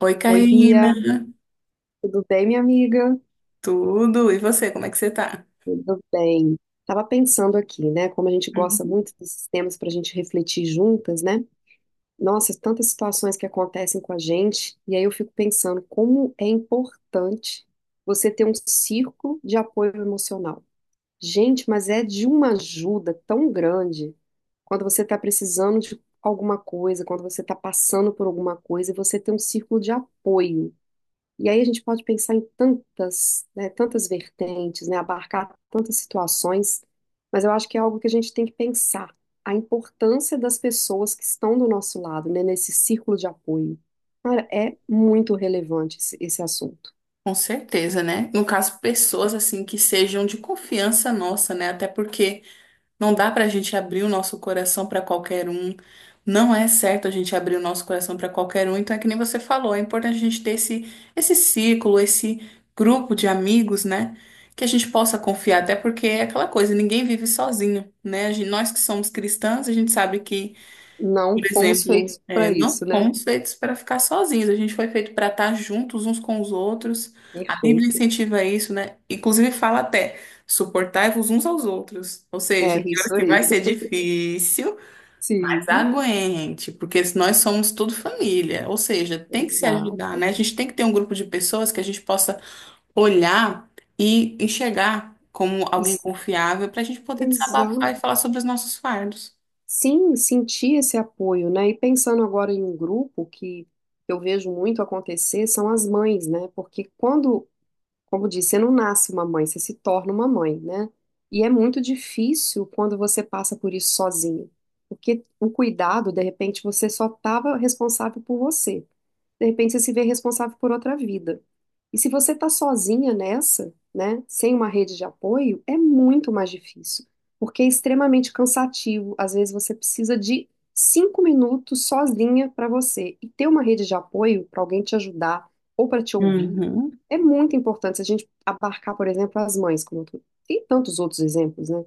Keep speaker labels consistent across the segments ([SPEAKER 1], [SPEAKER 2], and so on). [SPEAKER 1] Oi,
[SPEAKER 2] Oi, Bia,
[SPEAKER 1] Karina.
[SPEAKER 2] tudo bem, minha amiga?
[SPEAKER 1] Tudo? E você, como é que você tá?
[SPEAKER 2] Tudo bem. Tava pensando aqui, né? Como a gente gosta
[SPEAKER 1] Uhum.
[SPEAKER 2] muito desses temas para a gente refletir juntas, né? Nossa, tantas situações que acontecem com a gente, e aí eu fico pensando como é importante você ter um círculo de apoio emocional. Gente, mas é de uma ajuda tão grande quando você está precisando de alguma coisa, quando você está passando por alguma coisa, e você tem um círculo de apoio. E aí a gente pode pensar em tantas, né, tantas vertentes, né, abarcar tantas situações, mas eu acho que é algo que a gente tem que pensar, a importância das pessoas que estão do nosso lado, né, nesse círculo de apoio. Cara, é muito relevante esse assunto.
[SPEAKER 1] Com certeza, né? No caso, pessoas assim que sejam de confiança nossa, né? Até porque não dá pra gente abrir o nosso coração pra qualquer um. Não é certo a gente abrir o nosso coração pra qualquer um. Então é que nem você falou, é importante a gente ter esse círculo, esse grupo de amigos, né? Que a gente possa confiar, até porque é aquela coisa, ninguém vive sozinho, né? Nós que somos cristãos, a gente sabe que,
[SPEAKER 2] Não
[SPEAKER 1] por
[SPEAKER 2] fomos
[SPEAKER 1] exemplo,
[SPEAKER 2] feitos
[SPEAKER 1] é,
[SPEAKER 2] para
[SPEAKER 1] não
[SPEAKER 2] isso, né?
[SPEAKER 1] fomos feitos para ficar sozinhos, a gente foi feito para estar juntos uns com os outros. A Bíblia
[SPEAKER 2] Perfeito.
[SPEAKER 1] incentiva isso, né? Inclusive fala até, suportai-vos uns aos outros. Ou seja,
[SPEAKER 2] É
[SPEAKER 1] tem horas
[SPEAKER 2] isso
[SPEAKER 1] que
[SPEAKER 2] aí.
[SPEAKER 1] vai ser difícil, mas
[SPEAKER 2] Sim,
[SPEAKER 1] aguente, porque nós somos tudo família. Ou seja, tem que se
[SPEAKER 2] exato.
[SPEAKER 1] ajudar, né? A gente tem que ter um grupo de pessoas que a gente possa olhar e enxergar como alguém
[SPEAKER 2] Isso-
[SPEAKER 1] confiável para a gente poder
[SPEAKER 2] Exato.
[SPEAKER 1] desabafar e falar sobre os nossos fardos.
[SPEAKER 2] Sim, sentir esse apoio, né? E pensando agora em um grupo que eu vejo muito acontecer são as mães, né? Porque quando, como disse, você não nasce uma mãe, você se torna uma mãe, né? E é muito difícil quando você passa por isso sozinho, porque o cuidado, de repente, você só estava responsável por você. De repente você se vê responsável por outra vida. E se você está sozinha nessa, né, sem uma rede de apoio, é muito mais difícil, porque é extremamente cansativo. Às vezes você precisa de 5 minutos sozinha para você. E ter uma rede de apoio para alguém te ajudar ou para te ouvir
[SPEAKER 1] Uhum.
[SPEAKER 2] é muito importante. Se a gente abarcar, por exemplo, as mães, como eu tem tantos outros exemplos, né?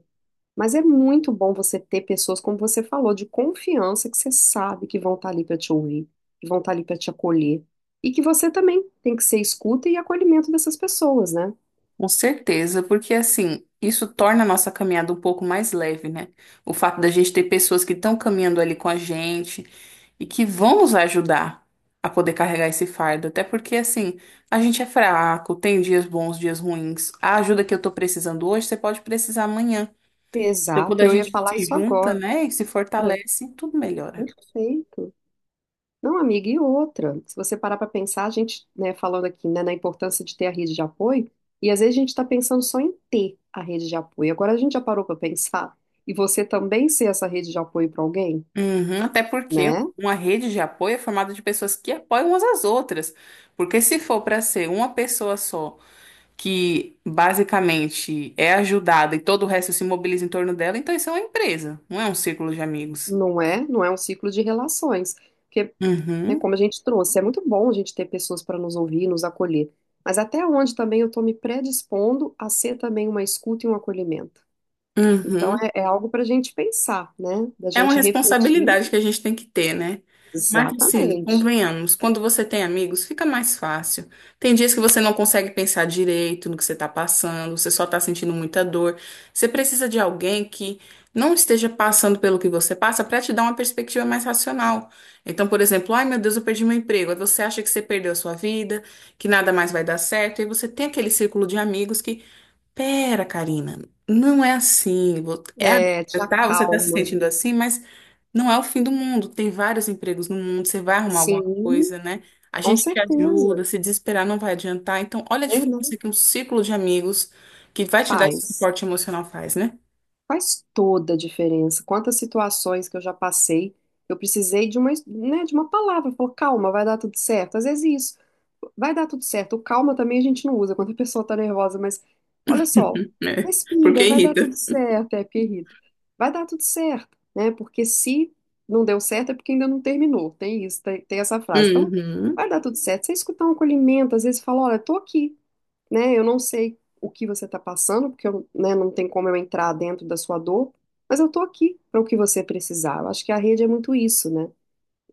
[SPEAKER 2] Mas é muito bom você ter pessoas, como você falou, de confiança, que você sabe que vão estar ali para te ouvir, que vão estar ali para te acolher. E que você também tem que ser escuta e acolhimento dessas pessoas, né?
[SPEAKER 1] Com certeza, porque assim, isso torna a nossa caminhada um pouco mais leve, né? O fato da gente ter pessoas que estão caminhando ali com a gente e que vão nos ajudar a poder carregar esse fardo. Até porque, assim, a gente é fraco, tem dias bons, dias ruins. A ajuda que eu tô precisando hoje, você pode precisar amanhã. Então, quando
[SPEAKER 2] Exato,
[SPEAKER 1] a
[SPEAKER 2] eu ia
[SPEAKER 1] gente
[SPEAKER 2] falar
[SPEAKER 1] se
[SPEAKER 2] isso
[SPEAKER 1] junta,
[SPEAKER 2] agora.
[SPEAKER 1] né, e se fortalece, tudo melhora.
[SPEAKER 2] Perfeito. Não, amiga, e outra? Se você parar para pensar, a gente, né, falando aqui, né, na importância de ter a rede de apoio, e às vezes a gente está pensando só em ter a rede de apoio. Agora a gente já parou para pensar, e você também ser essa rede de apoio para alguém,
[SPEAKER 1] Uhum, até porque
[SPEAKER 2] né?
[SPEAKER 1] uma rede de apoio é formada de pessoas que apoiam umas às outras. Porque se for para ser uma pessoa só que basicamente é ajudada e todo o resto se mobiliza em torno dela, então isso é uma empresa, não é um círculo de amigos.
[SPEAKER 2] Não é? Não é um ciclo de relações. Porque, né,
[SPEAKER 1] Uhum,
[SPEAKER 2] como a gente trouxe, é muito bom a gente ter pessoas para nos ouvir, nos acolher. Mas até onde também eu estou me predispondo a ser também uma escuta e um acolhimento. Então,
[SPEAKER 1] uhum.
[SPEAKER 2] é algo para a gente pensar, né? Da
[SPEAKER 1] É uma
[SPEAKER 2] gente refletir.
[SPEAKER 1] responsabilidade que a gente tem que ter, né? Mas assim,
[SPEAKER 2] Exatamente.
[SPEAKER 1] convenhamos, quando você tem amigos, fica mais fácil. Tem dias que você não consegue pensar direito no que você está passando, você só está sentindo muita dor. Você precisa de alguém que não esteja passando pelo que você passa para te dar uma perspectiva mais racional. Então, por exemplo, ai meu Deus, eu perdi meu emprego. Aí você acha que você perdeu a sua vida, que nada mais vai dar certo, e você tem aquele círculo de amigos que: pera, Karina, não é assim. É
[SPEAKER 2] É, te
[SPEAKER 1] agora, tá? Você está se
[SPEAKER 2] acalma.
[SPEAKER 1] sentindo assim, mas não é o fim do mundo. Tem vários empregos no mundo, você vai arrumar alguma
[SPEAKER 2] Sim,
[SPEAKER 1] coisa, né? A
[SPEAKER 2] com
[SPEAKER 1] gente te
[SPEAKER 2] certeza.
[SPEAKER 1] ajuda, se desesperar não vai adiantar. Então, olha a
[SPEAKER 2] Verdade.
[SPEAKER 1] diferença que um círculo de amigos que vai te dar esse
[SPEAKER 2] Faz.
[SPEAKER 1] suporte emocional faz, né?
[SPEAKER 2] Faz toda a diferença. Quantas situações que eu já passei, eu precisei de uma, né, de uma palavra. Falou, calma, vai dar tudo certo. Às vezes isso, vai dar tudo certo. O calma também a gente não usa quando a pessoa tá nervosa, mas olha só,
[SPEAKER 1] É,
[SPEAKER 2] respira,
[SPEAKER 1] porque
[SPEAKER 2] vai dar
[SPEAKER 1] irrita.
[SPEAKER 2] tudo certo. É, porque irrita. Vai dar tudo certo, né? Porque se não deu certo é porque ainda não terminou. Tem isso, tem essa frase. Então,
[SPEAKER 1] Uhum,
[SPEAKER 2] vai dar tudo certo. Você escutar um acolhimento, às vezes fala, olha, tô aqui, né? Eu não sei o que você está passando, porque eu, né, não tem como eu entrar dentro da sua dor, mas eu estou aqui para o que você precisar. Eu acho que a rede é muito isso, né?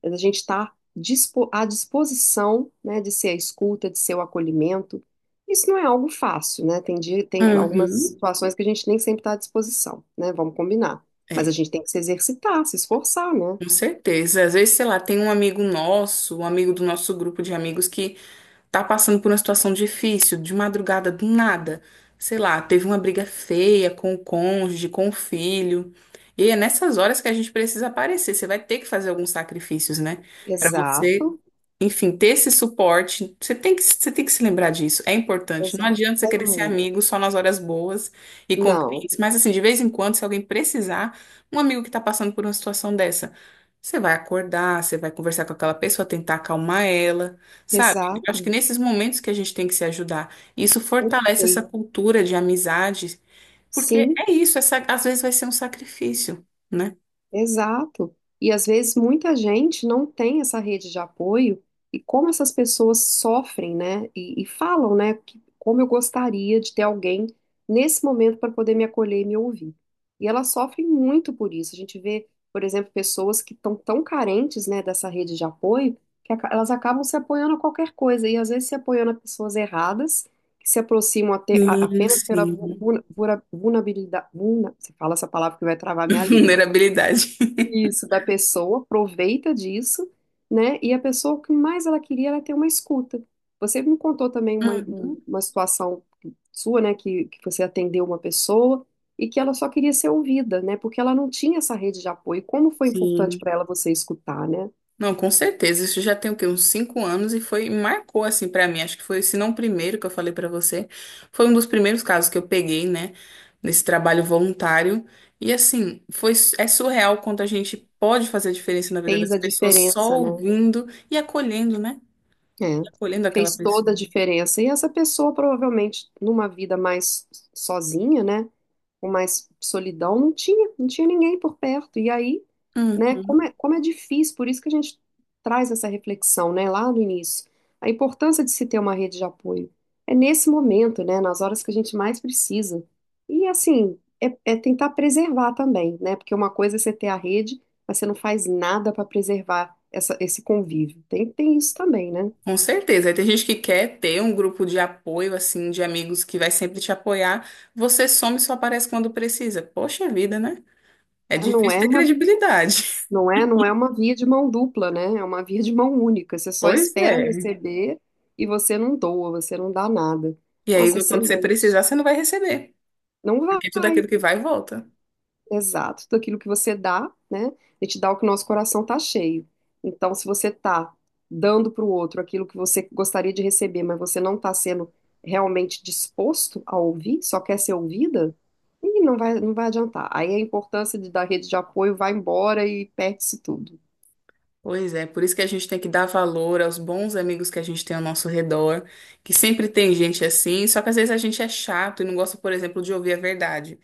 [SPEAKER 2] A gente está à disposição, né, de ser a escuta, de ser o acolhimento. Isso não é algo fácil, né? Tem dia, tem algumas
[SPEAKER 1] uhum.
[SPEAKER 2] situações que a gente nem sempre está à disposição, né? Vamos combinar. Mas a
[SPEAKER 1] É,
[SPEAKER 2] gente tem que se exercitar, se esforçar, né?
[SPEAKER 1] com certeza. Às vezes, sei lá, tem um amigo nosso, um amigo do nosso grupo de amigos que tá passando por uma situação difícil, de madrugada, do nada, sei lá, teve uma briga feia com o cônjuge, com o filho. E é nessas horas que a gente precisa aparecer. Você vai ter que fazer alguns sacrifícios, né? Pra você
[SPEAKER 2] Exato,
[SPEAKER 1] enfim, ter esse suporte, você tem que se lembrar disso, é importante. Não
[SPEAKER 2] exato.
[SPEAKER 1] adianta você
[SPEAKER 2] É
[SPEAKER 1] querer ser
[SPEAKER 2] muito.
[SPEAKER 1] amigo só nas horas boas e
[SPEAKER 2] Não,
[SPEAKER 1] convenientes, mas assim, de vez em quando, se alguém precisar, um amigo que está passando por uma situação dessa, você vai acordar, você vai conversar com aquela pessoa, tentar acalmar ela, sabe? Eu acho que
[SPEAKER 2] exato,
[SPEAKER 1] nesses momentos que a gente tem que se ajudar, isso fortalece essa
[SPEAKER 2] perfeito.
[SPEAKER 1] cultura de amizade, porque
[SPEAKER 2] Sim.
[SPEAKER 1] é isso, às vezes vai ser um sacrifício, né?
[SPEAKER 2] Exato. E às vezes muita gente não tem essa rede de apoio, e como essas pessoas sofrem, né? e, falam, né? que- como eu gostaria de ter alguém nesse momento para poder me acolher e me ouvir. E elas sofrem muito por isso. A gente vê, por exemplo, pessoas que estão tão carentes, né, dessa rede de apoio, que elas acabam se apoiando a qualquer coisa, e às vezes se apoiando a pessoas erradas, que se aproximam
[SPEAKER 1] Sim,
[SPEAKER 2] apenas pela
[SPEAKER 1] sim.
[SPEAKER 2] vulnerabilidade. Você fala essa palavra que vai travar minha língua
[SPEAKER 1] Vulnerabilidade.
[SPEAKER 2] isso, da pessoa, aproveita disso, né? E a pessoa, o que mais ela queria era ter uma escuta. Você me contou também
[SPEAKER 1] Uhum.
[SPEAKER 2] uma situação sua, né? Que você atendeu uma pessoa e que ela só queria ser ouvida, né? Porque ela não tinha essa rede de apoio. Como foi importante
[SPEAKER 1] Sim.
[SPEAKER 2] para ela você escutar, né?
[SPEAKER 1] Não, com certeza. Isso já tem o quê? Uns 5 anos e foi, marcou assim pra mim. Acho que foi, se não o primeiro que eu falei pra você, foi um dos primeiros casos que eu peguei, né, nesse trabalho voluntário. E assim, é surreal quanto a gente pode fazer a diferença na vida
[SPEAKER 2] Fez
[SPEAKER 1] das
[SPEAKER 2] a
[SPEAKER 1] pessoas só
[SPEAKER 2] diferença, né?
[SPEAKER 1] ouvindo e acolhendo, né?
[SPEAKER 2] É,
[SPEAKER 1] E acolhendo aquela
[SPEAKER 2] fez
[SPEAKER 1] pessoa.
[SPEAKER 2] toda a diferença. E essa pessoa, provavelmente, numa vida mais sozinha, né? Com mais solidão não tinha ninguém por perto. E aí, né,
[SPEAKER 1] Uhum.
[SPEAKER 2] como é difícil, por isso que a gente traz essa reflexão, né, lá no início, a importância de se ter uma rede de apoio. É nesse momento, né, nas horas que a gente mais precisa. E assim, é, é tentar preservar também, né, porque uma coisa é você ter a rede, mas você não faz nada para preservar essa, esse convívio. Tem isso também, né?
[SPEAKER 1] Com certeza. Aí tem gente que quer ter um grupo de apoio, assim, de amigos que vai sempre te apoiar. Você some e só aparece quando precisa. Poxa vida, né? É
[SPEAKER 2] Não
[SPEAKER 1] difícil
[SPEAKER 2] é
[SPEAKER 1] ter
[SPEAKER 2] uma
[SPEAKER 1] credibilidade.
[SPEAKER 2] Não é, não é uma via de mão dupla, né? É uma via de mão única. Você só
[SPEAKER 1] Pois
[SPEAKER 2] espera
[SPEAKER 1] é.
[SPEAKER 2] receber e você não doa, você não dá nada.
[SPEAKER 1] E aí,
[SPEAKER 2] Nossa,
[SPEAKER 1] quando você
[SPEAKER 2] excelente.
[SPEAKER 1] precisar, você não vai receber,
[SPEAKER 2] Não
[SPEAKER 1] porque tudo
[SPEAKER 2] vai.
[SPEAKER 1] aquilo que vai, volta.
[SPEAKER 2] Exato. Tudo aquilo que você dá, né? A gente dá o que o nosso coração tá cheio. Então, se você tá dando para o outro aquilo que você gostaria de receber, mas você não tá sendo realmente disposto a ouvir, só quer ser ouvida, e não vai, não vai adiantar. Aí a importância de, da rede de apoio vai embora e perde-se tudo.
[SPEAKER 1] Pois é, por isso que a gente tem que dar valor aos bons amigos que a gente tem ao nosso redor, que sempre tem gente assim, só que às vezes a gente é chato e não gosta, por exemplo, de ouvir a verdade.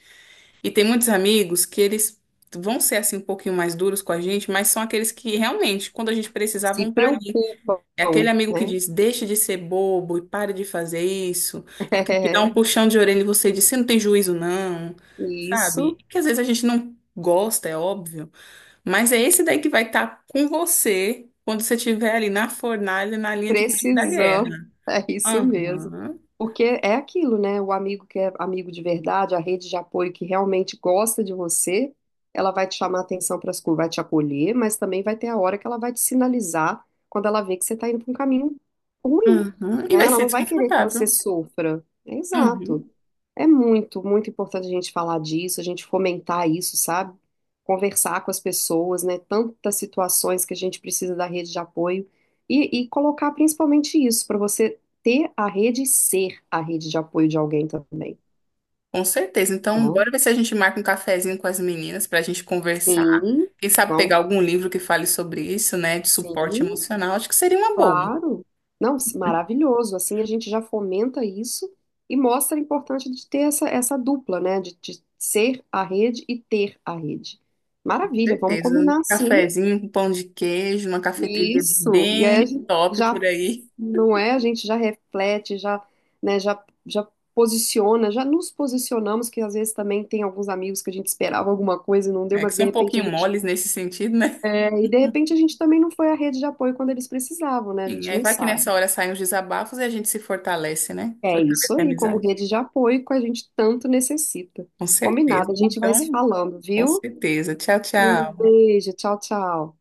[SPEAKER 1] E tem muitos amigos que eles vão ser assim um pouquinho mais duros com a gente, mas são aqueles que realmente, quando a gente precisar, vão
[SPEAKER 2] Se
[SPEAKER 1] estar ali.
[SPEAKER 2] preocupam,
[SPEAKER 1] É aquele amigo que
[SPEAKER 2] né?
[SPEAKER 1] diz, deixe de ser bobo e pare de fazer isso. É aquele que dá
[SPEAKER 2] É,
[SPEAKER 1] um puxão de orelha e você diz, você não tem juízo, não. Sabe?
[SPEAKER 2] isso
[SPEAKER 1] Que às vezes a gente não gosta, é óbvio. Mas é esse daí que vai estar com você quando você estiver ali na fornalha, na linha de frente da
[SPEAKER 2] precisamos,
[SPEAKER 1] guerra.
[SPEAKER 2] é isso mesmo.
[SPEAKER 1] Aham.
[SPEAKER 2] Porque é aquilo, né? O amigo que é amigo de verdade, a rede de apoio que realmente gosta de você, ela vai te chamar atenção para as coisas, vai te acolher, mas também vai ter a hora que ela vai te sinalizar quando ela vê que você está indo para um caminho ruim,
[SPEAKER 1] Uhum. E
[SPEAKER 2] né?
[SPEAKER 1] vai
[SPEAKER 2] Ela
[SPEAKER 1] ser
[SPEAKER 2] não vai querer que você
[SPEAKER 1] desconfortável.
[SPEAKER 2] sofra. É exato.
[SPEAKER 1] Uhum.
[SPEAKER 2] É muito, muito importante a gente falar disso, a gente fomentar isso, sabe? Conversar com as pessoas, né? Tantas situações que a gente precisa da rede de apoio e, colocar principalmente isso, para você ter a rede e ser a rede de apoio de alguém também,
[SPEAKER 1] Com certeza. Então,
[SPEAKER 2] né?
[SPEAKER 1] bora ver se a gente marca um cafezinho com as meninas para a gente conversar.
[SPEAKER 2] Sim,
[SPEAKER 1] Quem sabe pegar
[SPEAKER 2] vamos,
[SPEAKER 1] algum livro que fale sobre isso, né? De suporte
[SPEAKER 2] sim,
[SPEAKER 1] emocional. Acho que seria uma boa.
[SPEAKER 2] claro. Não, maravilhoso. Assim a gente já fomenta isso e mostra a importância de ter essa, dupla, né? de ser a rede e ter a rede.
[SPEAKER 1] Com
[SPEAKER 2] Maravilha, vamos
[SPEAKER 1] certeza. Um
[SPEAKER 2] combinar sim.
[SPEAKER 1] cafezinho com pão de queijo, uma cafeteria
[SPEAKER 2] Isso. E aí
[SPEAKER 1] bem
[SPEAKER 2] a gente
[SPEAKER 1] top
[SPEAKER 2] já
[SPEAKER 1] por aí,
[SPEAKER 2] não é, a gente já reflete, já, né, já posiciona, já nos posicionamos, que às vezes também tem alguns amigos que a gente esperava alguma coisa e não deu,
[SPEAKER 1] né? Que
[SPEAKER 2] mas de
[SPEAKER 1] são um
[SPEAKER 2] repente a
[SPEAKER 1] pouquinho
[SPEAKER 2] gente
[SPEAKER 1] moles nesse sentido, né?
[SPEAKER 2] é, e de repente a gente também não foi a rede de apoio quando eles precisavam, né? A
[SPEAKER 1] E
[SPEAKER 2] gente
[SPEAKER 1] aí
[SPEAKER 2] não
[SPEAKER 1] vai que nessa
[SPEAKER 2] sabe.
[SPEAKER 1] hora saem os desabafos e a gente se fortalece, né?
[SPEAKER 2] É isso
[SPEAKER 1] Fortalece a
[SPEAKER 2] aí, como
[SPEAKER 1] amizade.
[SPEAKER 2] rede de apoio que a gente tanto necessita.
[SPEAKER 1] Com certeza.
[SPEAKER 2] Combinado, a gente vai se
[SPEAKER 1] Então,
[SPEAKER 2] falando,
[SPEAKER 1] com
[SPEAKER 2] viu?
[SPEAKER 1] certeza. Tchau,
[SPEAKER 2] Um
[SPEAKER 1] tchau.
[SPEAKER 2] beijo, tchau, tchau.